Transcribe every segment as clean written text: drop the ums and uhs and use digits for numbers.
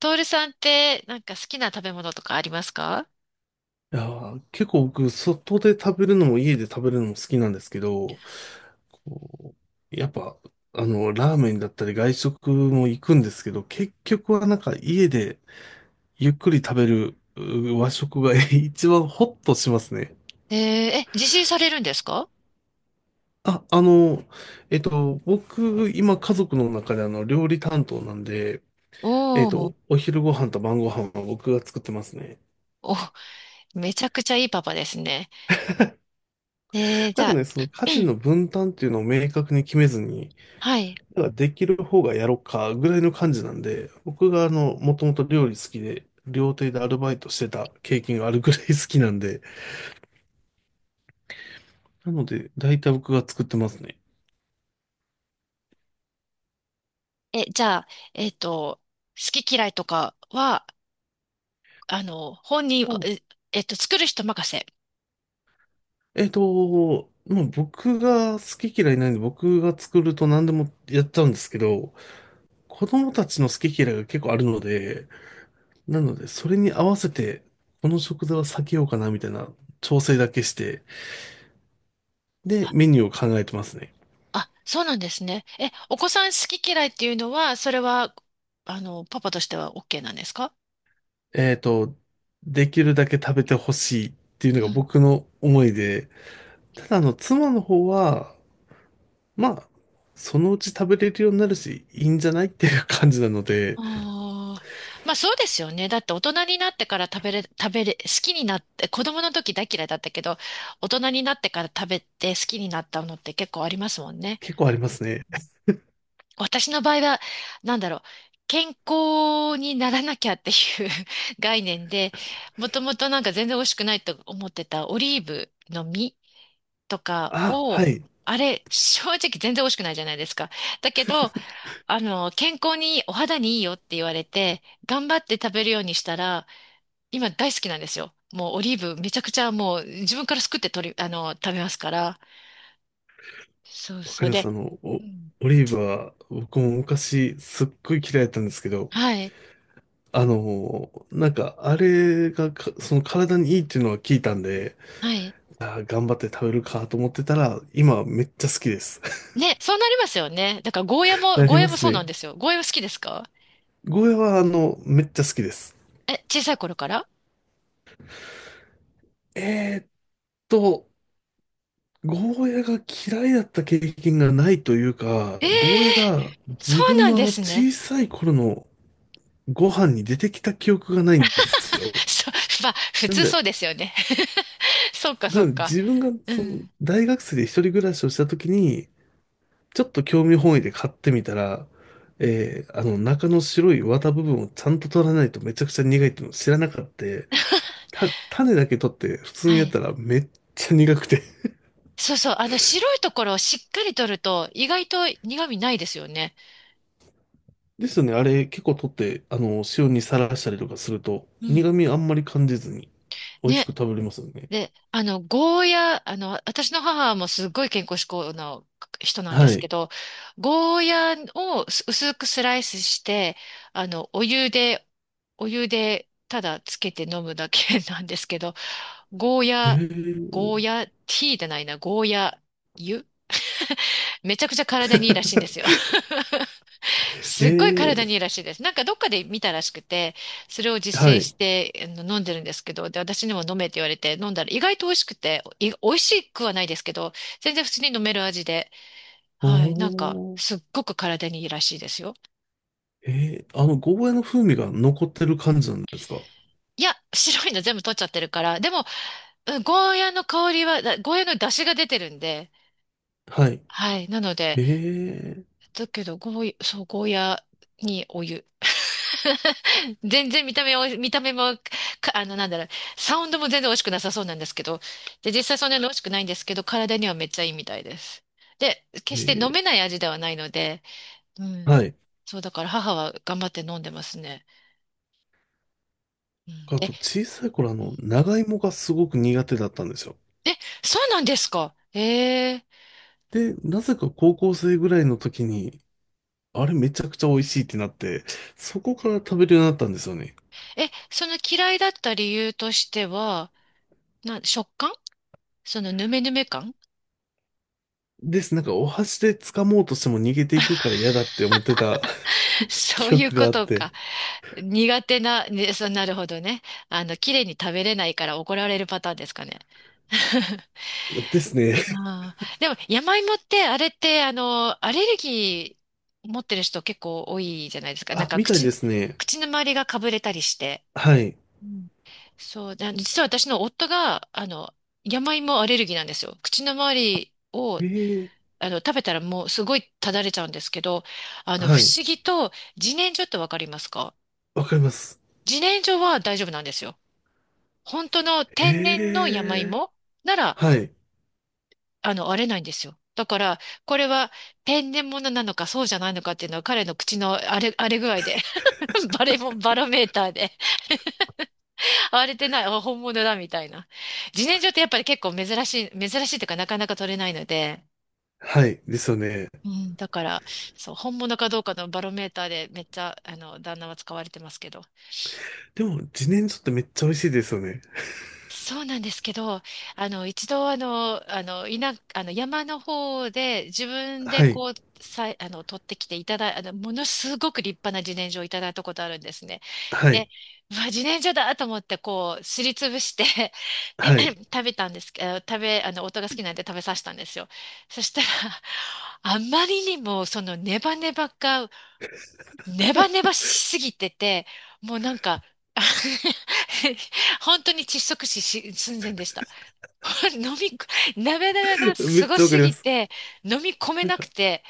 トールさんってなんか好きな食べ物とかありますか？いやー、結構僕、外で食べるのも家で食べるのも好きなんですけど、こう、やっぱ、ラーメンだったり外食も行くんですけど、結局はなんか家でゆっくり食べるう和食が 一番ホッとしますね。えー、え、自炊されるんですか？あ、僕、今家族の中で料理担当なんで、おおー、お昼ご飯と晩ご飯は僕が作ってますね。お、めちゃくちゃいいパパですね。えー、じなんゃかあ、ね、その 家事の分担っていうのを明確に決めずに、はい。なんかできる方がやろうかぐらいの感じなんで、僕がもともと料理好きで、料亭でアルバイトしてた経験があるぐらい好きなんで、なので、大体僕が作ってますね。え、じゃあ、えっと、好き嫌いとかは、あの、本人、うん。え、作る人任せ。まあ、僕が好き嫌いないんで、僕が作ると何でもやっちゃうんですけど、子供たちの好き嫌いが結構あるので、なので、それに合わせて、この食材は避けようかなみたいな調整だけして、で、メニューを考えてますね。あ、そうなんですね。え、お子さん好き嫌いっていうのは、それは、あの、パパとしては OK なんですか？えっと、できるだけ食べてほしいっていううのがん。僕の思いで、ただ妻の方は、まあ、そのうち食べれるようになるし、いいんじゃないっていう感じなので、ああ、まあそうですよね。だって大人になってから食べれ、食べれ、好きになって、子供の時大嫌いだったけど、大人になってから食べて好きになったのって結構ありますもんね。結構ありますね。私の場合は、なんだろう、健康にならなきゃっていう 概念で、もともとなんか全然美味しくないと思ってたオリーブの実とかあ、はを、い。あれ、正直全然美味しくないじゃないですか。だけど、あの、健康にいい、お肌にいいよって言われて、頑張って食べるようにしたら、今大好きなんですよ。もうオリーブめちゃくちゃもう自分からすくって取り、あの、食べますから。そうわかそうりまで、す。うん、オリーブは、僕も昔、すっごい嫌いだったんですけど、はい、なんか、あれがか、その体にいいっていうのは聞いたんで、はい。頑張って食べるかと思ってたら、今めっちゃ好きです。ね、そうなりますよね。だからゴーヤ も、なゴりーヤまもすそうなんね。ですよ。ゴーヤも好きですか？ゴーヤは、めっちゃ好きです。え、小さい頃から？えーっと、ゴーヤが嫌いだった経験がないというか、ええ、ゴーヤがそ自う分なんのあでのすね。小さい頃のご飯に出てきた記憶がないんですよ。そう、まあ、普なん通そうで、ですよね。そうか、そなうんでか。自分がうそのん。大学生で一人暮らしをした時に、ちょっと興味本位で買ってみたら、あの中の白い綿部分をちゃんと取らないとめちゃくちゃ苦いっていうのを知らなかった。種だけ取って普通はにやっい。たらめっちゃ苦くて。そうそう。あの、白いところをしっかり取ると、意外と苦味ないですよね。ですよね。あれ結構取って、塩にさらしたりとかすると、うん。苦味あんまり感じずに、美味しくね。食べれますよね。で、あの、ゴーヤ、あの、私の母もすごい健康志向の人なんではすけい。ど、ゴーヤを薄くスライスして、あの、お湯で、お湯でただつけて飲むだけなんですけど、ゴーへヤ、え。ゴーヤ、ティーじゃないな、ゴーヤ湯、めちゃくちゃ体にいいらしいんですよ。すっごい体へにいいらしいです。なんかどっかで見たらしくて、それをえ。実は践しい。てあの飲んでるんですけど、で、私にも飲めって言われて飲んだら意外と美味しくて、美味しくはないですけど、全然普通に飲める味で、おはい、なんかー。すっごく体にいいらしいですよ。へえ、ゴーヤの風味が残ってる感じなんですか？いや、白いの全部取っちゃってるから、でも、うん、ゴーヤの香りは、ゴーヤの出汁が出てるんで、はい。はい、なので、へえ。だけど、そう、ゴーヤにお湯。全然見た目は、見た目も、あの、なんだろう、サウンドも全然美味しくなさそうなんですけど、で、実際そんなに美味しくないんですけど、体にはめっちゃいいみたいです。で、へ決して飲え。めない味ではないので、うはん。い。そう、だから母は頑張って飲んでますね。うん、あで、と、小さい頃、うん、長芋がすごく苦手だったんですよ。え、そうなんですか。ええ、で、なぜか高校生ぐらいの時に、あれめちゃくちゃ美味しいってなって、そこから食べるようになったんですよね。え、その嫌いだった理由としては、食感、そのヌメヌメ感。 です。なんか、お箸で掴もうとしても逃げていくから嫌だって思ってた そう記いう憶がこあっとて。か。苦手な、ね、そう、なるほどね。あの、綺麗に食べれないから怒られるパターンですかね。ですね。ああ、でも山芋ってあれってあのアレルギー持ってる人結構多いじゃないですか。なんあ、かみたいですね。口の周りがかぶれたりして。はい。うん、そう、で実は私の夫があの山芋アレルギーなんですよ。口の周りをええ、あの食べたらもうすごいただれちゃうんですけど、あのは不い。思議と自然薯ってわかりますか？わかります。自然薯は大丈夫なんですよ。本当の天然への山え。芋なら、はい。あの、割れないんですよ。だから、これは天然物なのかそうじゃないのかっていうのは彼の口の荒れ、荒れ具合で バレモン、バロメーターで荒れてない、あ本物だみたいな。自然薯ってやっぱり結構珍しいというかなかなか取れないので、はい。ですよね。うん、だから、そう、本物かどうかのバロメーターでめっちゃ、あの、旦那は使われてますけど。でも、自然薯ってめっちゃ美味しいですよね。そうなんですけど、あの、一度、いな、あの、山の方で自分ではい。こう、さい、あの、取ってきていただい、あの、ものすごく立派な自然薯をいただいたことあるんですね。はで、い。うわ、自然薯だと思って、こう、すりつぶして はい。食べたんですけど、あの、夫が好きなんで食べさせたんですよ。そしたら、あまりにも、ネバネバしすぎてて、もうなんか、あ 本当に窒息死し寸前でした。飲みこ、ネバネバが めすっごちゃわかすりまぎす。て、飲み込めなんなくか、て、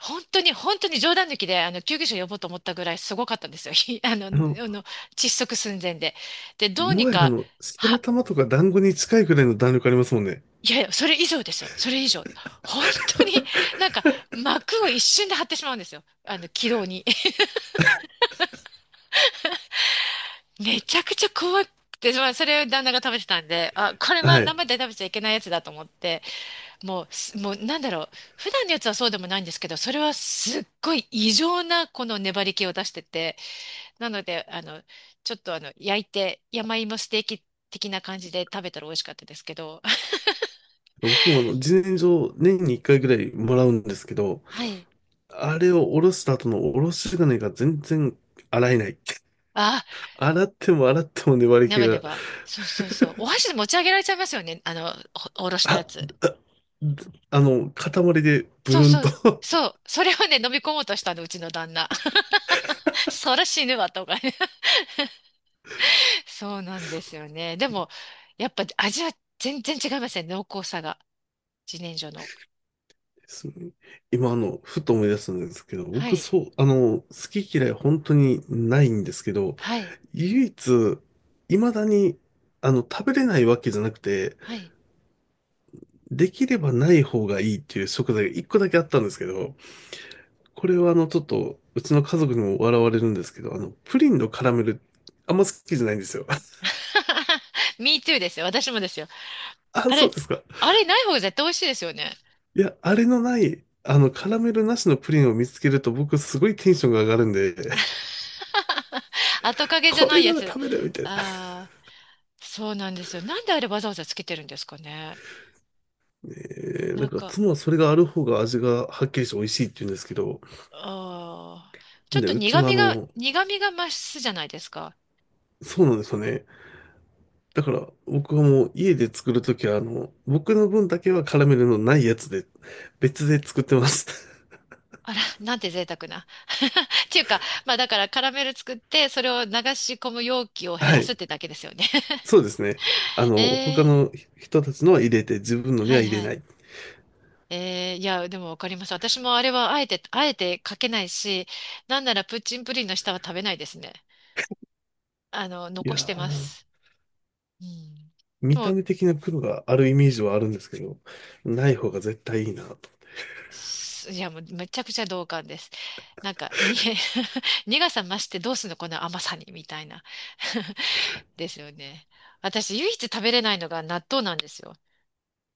本当に、本当に冗談抜きで、あの、救急車呼ぼうと思ったぐらいすごかったんですよ。ひあの、ああの、の、窒息寸前で。で、どうもにはやか、白は、玉とか団子に近いくらいの弾力ありますもんね。いやいや、それ以上ですよ。それ以上。本当に、なんか、膜を一瞬で張ってしまうんですよ。あの、気道に。めちゃくちゃ怖くて、まあ、それを旦那が食べてたんで、あ、これははい。生で食べちゃいけないやつだと思って、もうなんだろう、普段のやつはそうでもないんですけど、それはすっごい異常なこの粘り気を出してて、なので、あの、ちょっとあの、焼いて、山芋ステーキ的な感じで食べたら美味しかったですけど、僕も自然薯年に1回ぐらいもらうんですけど、はい。あれをおろした後のおろし金が全然洗えない。あ、洗っても洗っても粘りネ気バネが、バ。そうそうそう。お箸で持ち上げられちゃいますよね。あの、おろしたやあ、つ。あ、塊でブそうルンそう、と そう。それをね、飲み込もうとしたの、うちの旦那。そら死ぬわ、とかね。そうなんですよね。でも、やっぱ味は全然違いますね、濃厚さが。自然薯の。ですね。今、ふと思い出したんですけど、は僕、い、そう、好き嫌い本当にないんですけど、はい、唯一、未だに、食べれないわけじゃなくて、はい。できればない方がいいっていう食材が一個だけあったんですけど、これはちょっと、うちの家族にも笑われるんですけど、プリンのカラメル、あんま好きじゃないんですよ。Me too ですよ。私もですよ。あ、あそうれ、ですか。あれない方が絶対美味しいですよね。いや、あれのない、あの、カラメルなしのプリンを見つけると僕すごいテンションが上がるんで、後影じゃこなれいやならつ。食べるみたいな。ああ、そうなんですよ。なんであれわざわざつけてるんですかね。ねえななんんかか、妻はそれがある方が味がはっきりして美味しいって言うんですけど、ああ、ちょっで、とうちはあの、苦味が増すじゃないですか。そうなんですよね。だから僕はもう家で作るときは僕の分だけはカラメルのないやつで、別で作ってます。あら、なんて贅沢な。っていうか、まあだからカラメル作って、それを流し込む容器を 減はらすい。ってだけですよね。そうですね。他 ええ、の人たちのは入れて、自分のにははい入れはない。い。ええいや、でもわかります。私もあれはあえて、あえてかけないし、なんならプッチンプリンの下は食べないですね。あの、い残やしてまー、す。うん。で見も、た目的な黒があるイメージはあるんですけど、ない方が絶対いいなと。すいや、もうめちゃくちゃ同感です。なんか、に、苦さ増してどうすんの、この甘さに、みたいな。ですよね。私、唯一食べれないのが納豆なんですよ。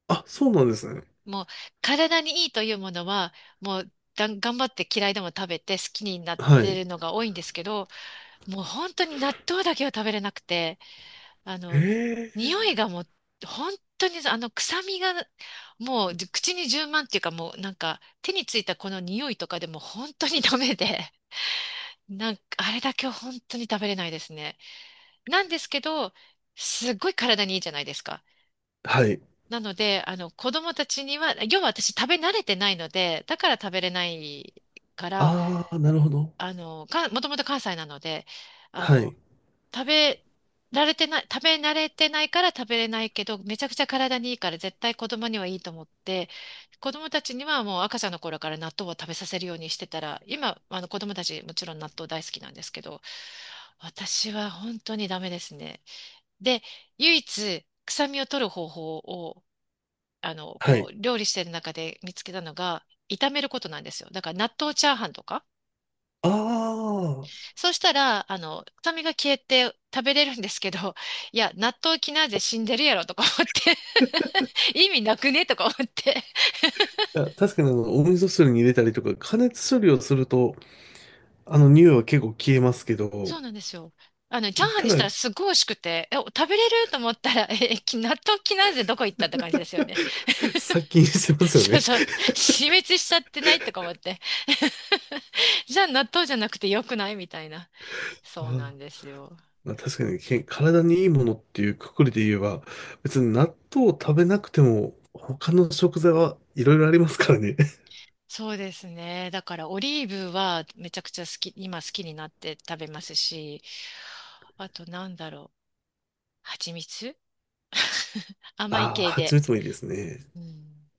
あ、そうなんですね。もう、体にいいというものは、もう、頑張って嫌いでも食べて好きになっはてい。るのが多いんですけど、もう本当に納豆だけは食べれなくて、あの、へ匂え。いがもう、本当にあの臭みが、もう口に充満っていうかもうなんか手についたこの匂いとかでも本当にダメで、なんかあれだけは本当に食べれないですね。なんですけど、すっごい体にいいじゃないですか。はい。なので、あの子供たちには、要は私食べ慣れてないので、だから食べれないから、あー、なるほど。もともと関西なので、あはの、い。食べられてない、食べ慣れてないから食べれないけど、めちゃくちゃ体にいいから絶対子供にはいいと思って、子供たちにはもう赤ちゃんの頃から納豆を食べさせるようにしてたら、今、あの子供たちもちろん納豆大好きなんですけど、私は本当にダメですね。で、唯一臭みを取る方法を、あの、はこい。う、料理してる中で見つけたのが、炒めることなんですよ。だから納豆チャーハンとか、あー。そうしたら、あの、臭みが消えて食べれるんですけど、いや、納豆キナーゼ死んでるやろとか思って、意味なくねとか思って。いや、確かにお味噌汁に入れたりとか、加熱処理をすると、匂いは結構消えますけど、そうなんですよ。あの、チャーハンたにしただ、らすごい美味しくて、え、食べれると思ったら、え、納豆キナーゼどこ行ったって感じですよね。殺菌してま すよそうね。そう。死滅しちゃってないとか思って。じゃあ納豆じゃなくてよくないみたいな。あそうーなんですよ。まあ、確かに体にいいものっていうくくりで言えば、別に納豆を食べなくても他の食材はいろいろありますからね。そうですね。だからオリーブはめちゃくちゃ好き、今好きになって食べますし、あとなんだろう。蜂蜜 甘いああ、系蜂で。蜜もいいですね。うん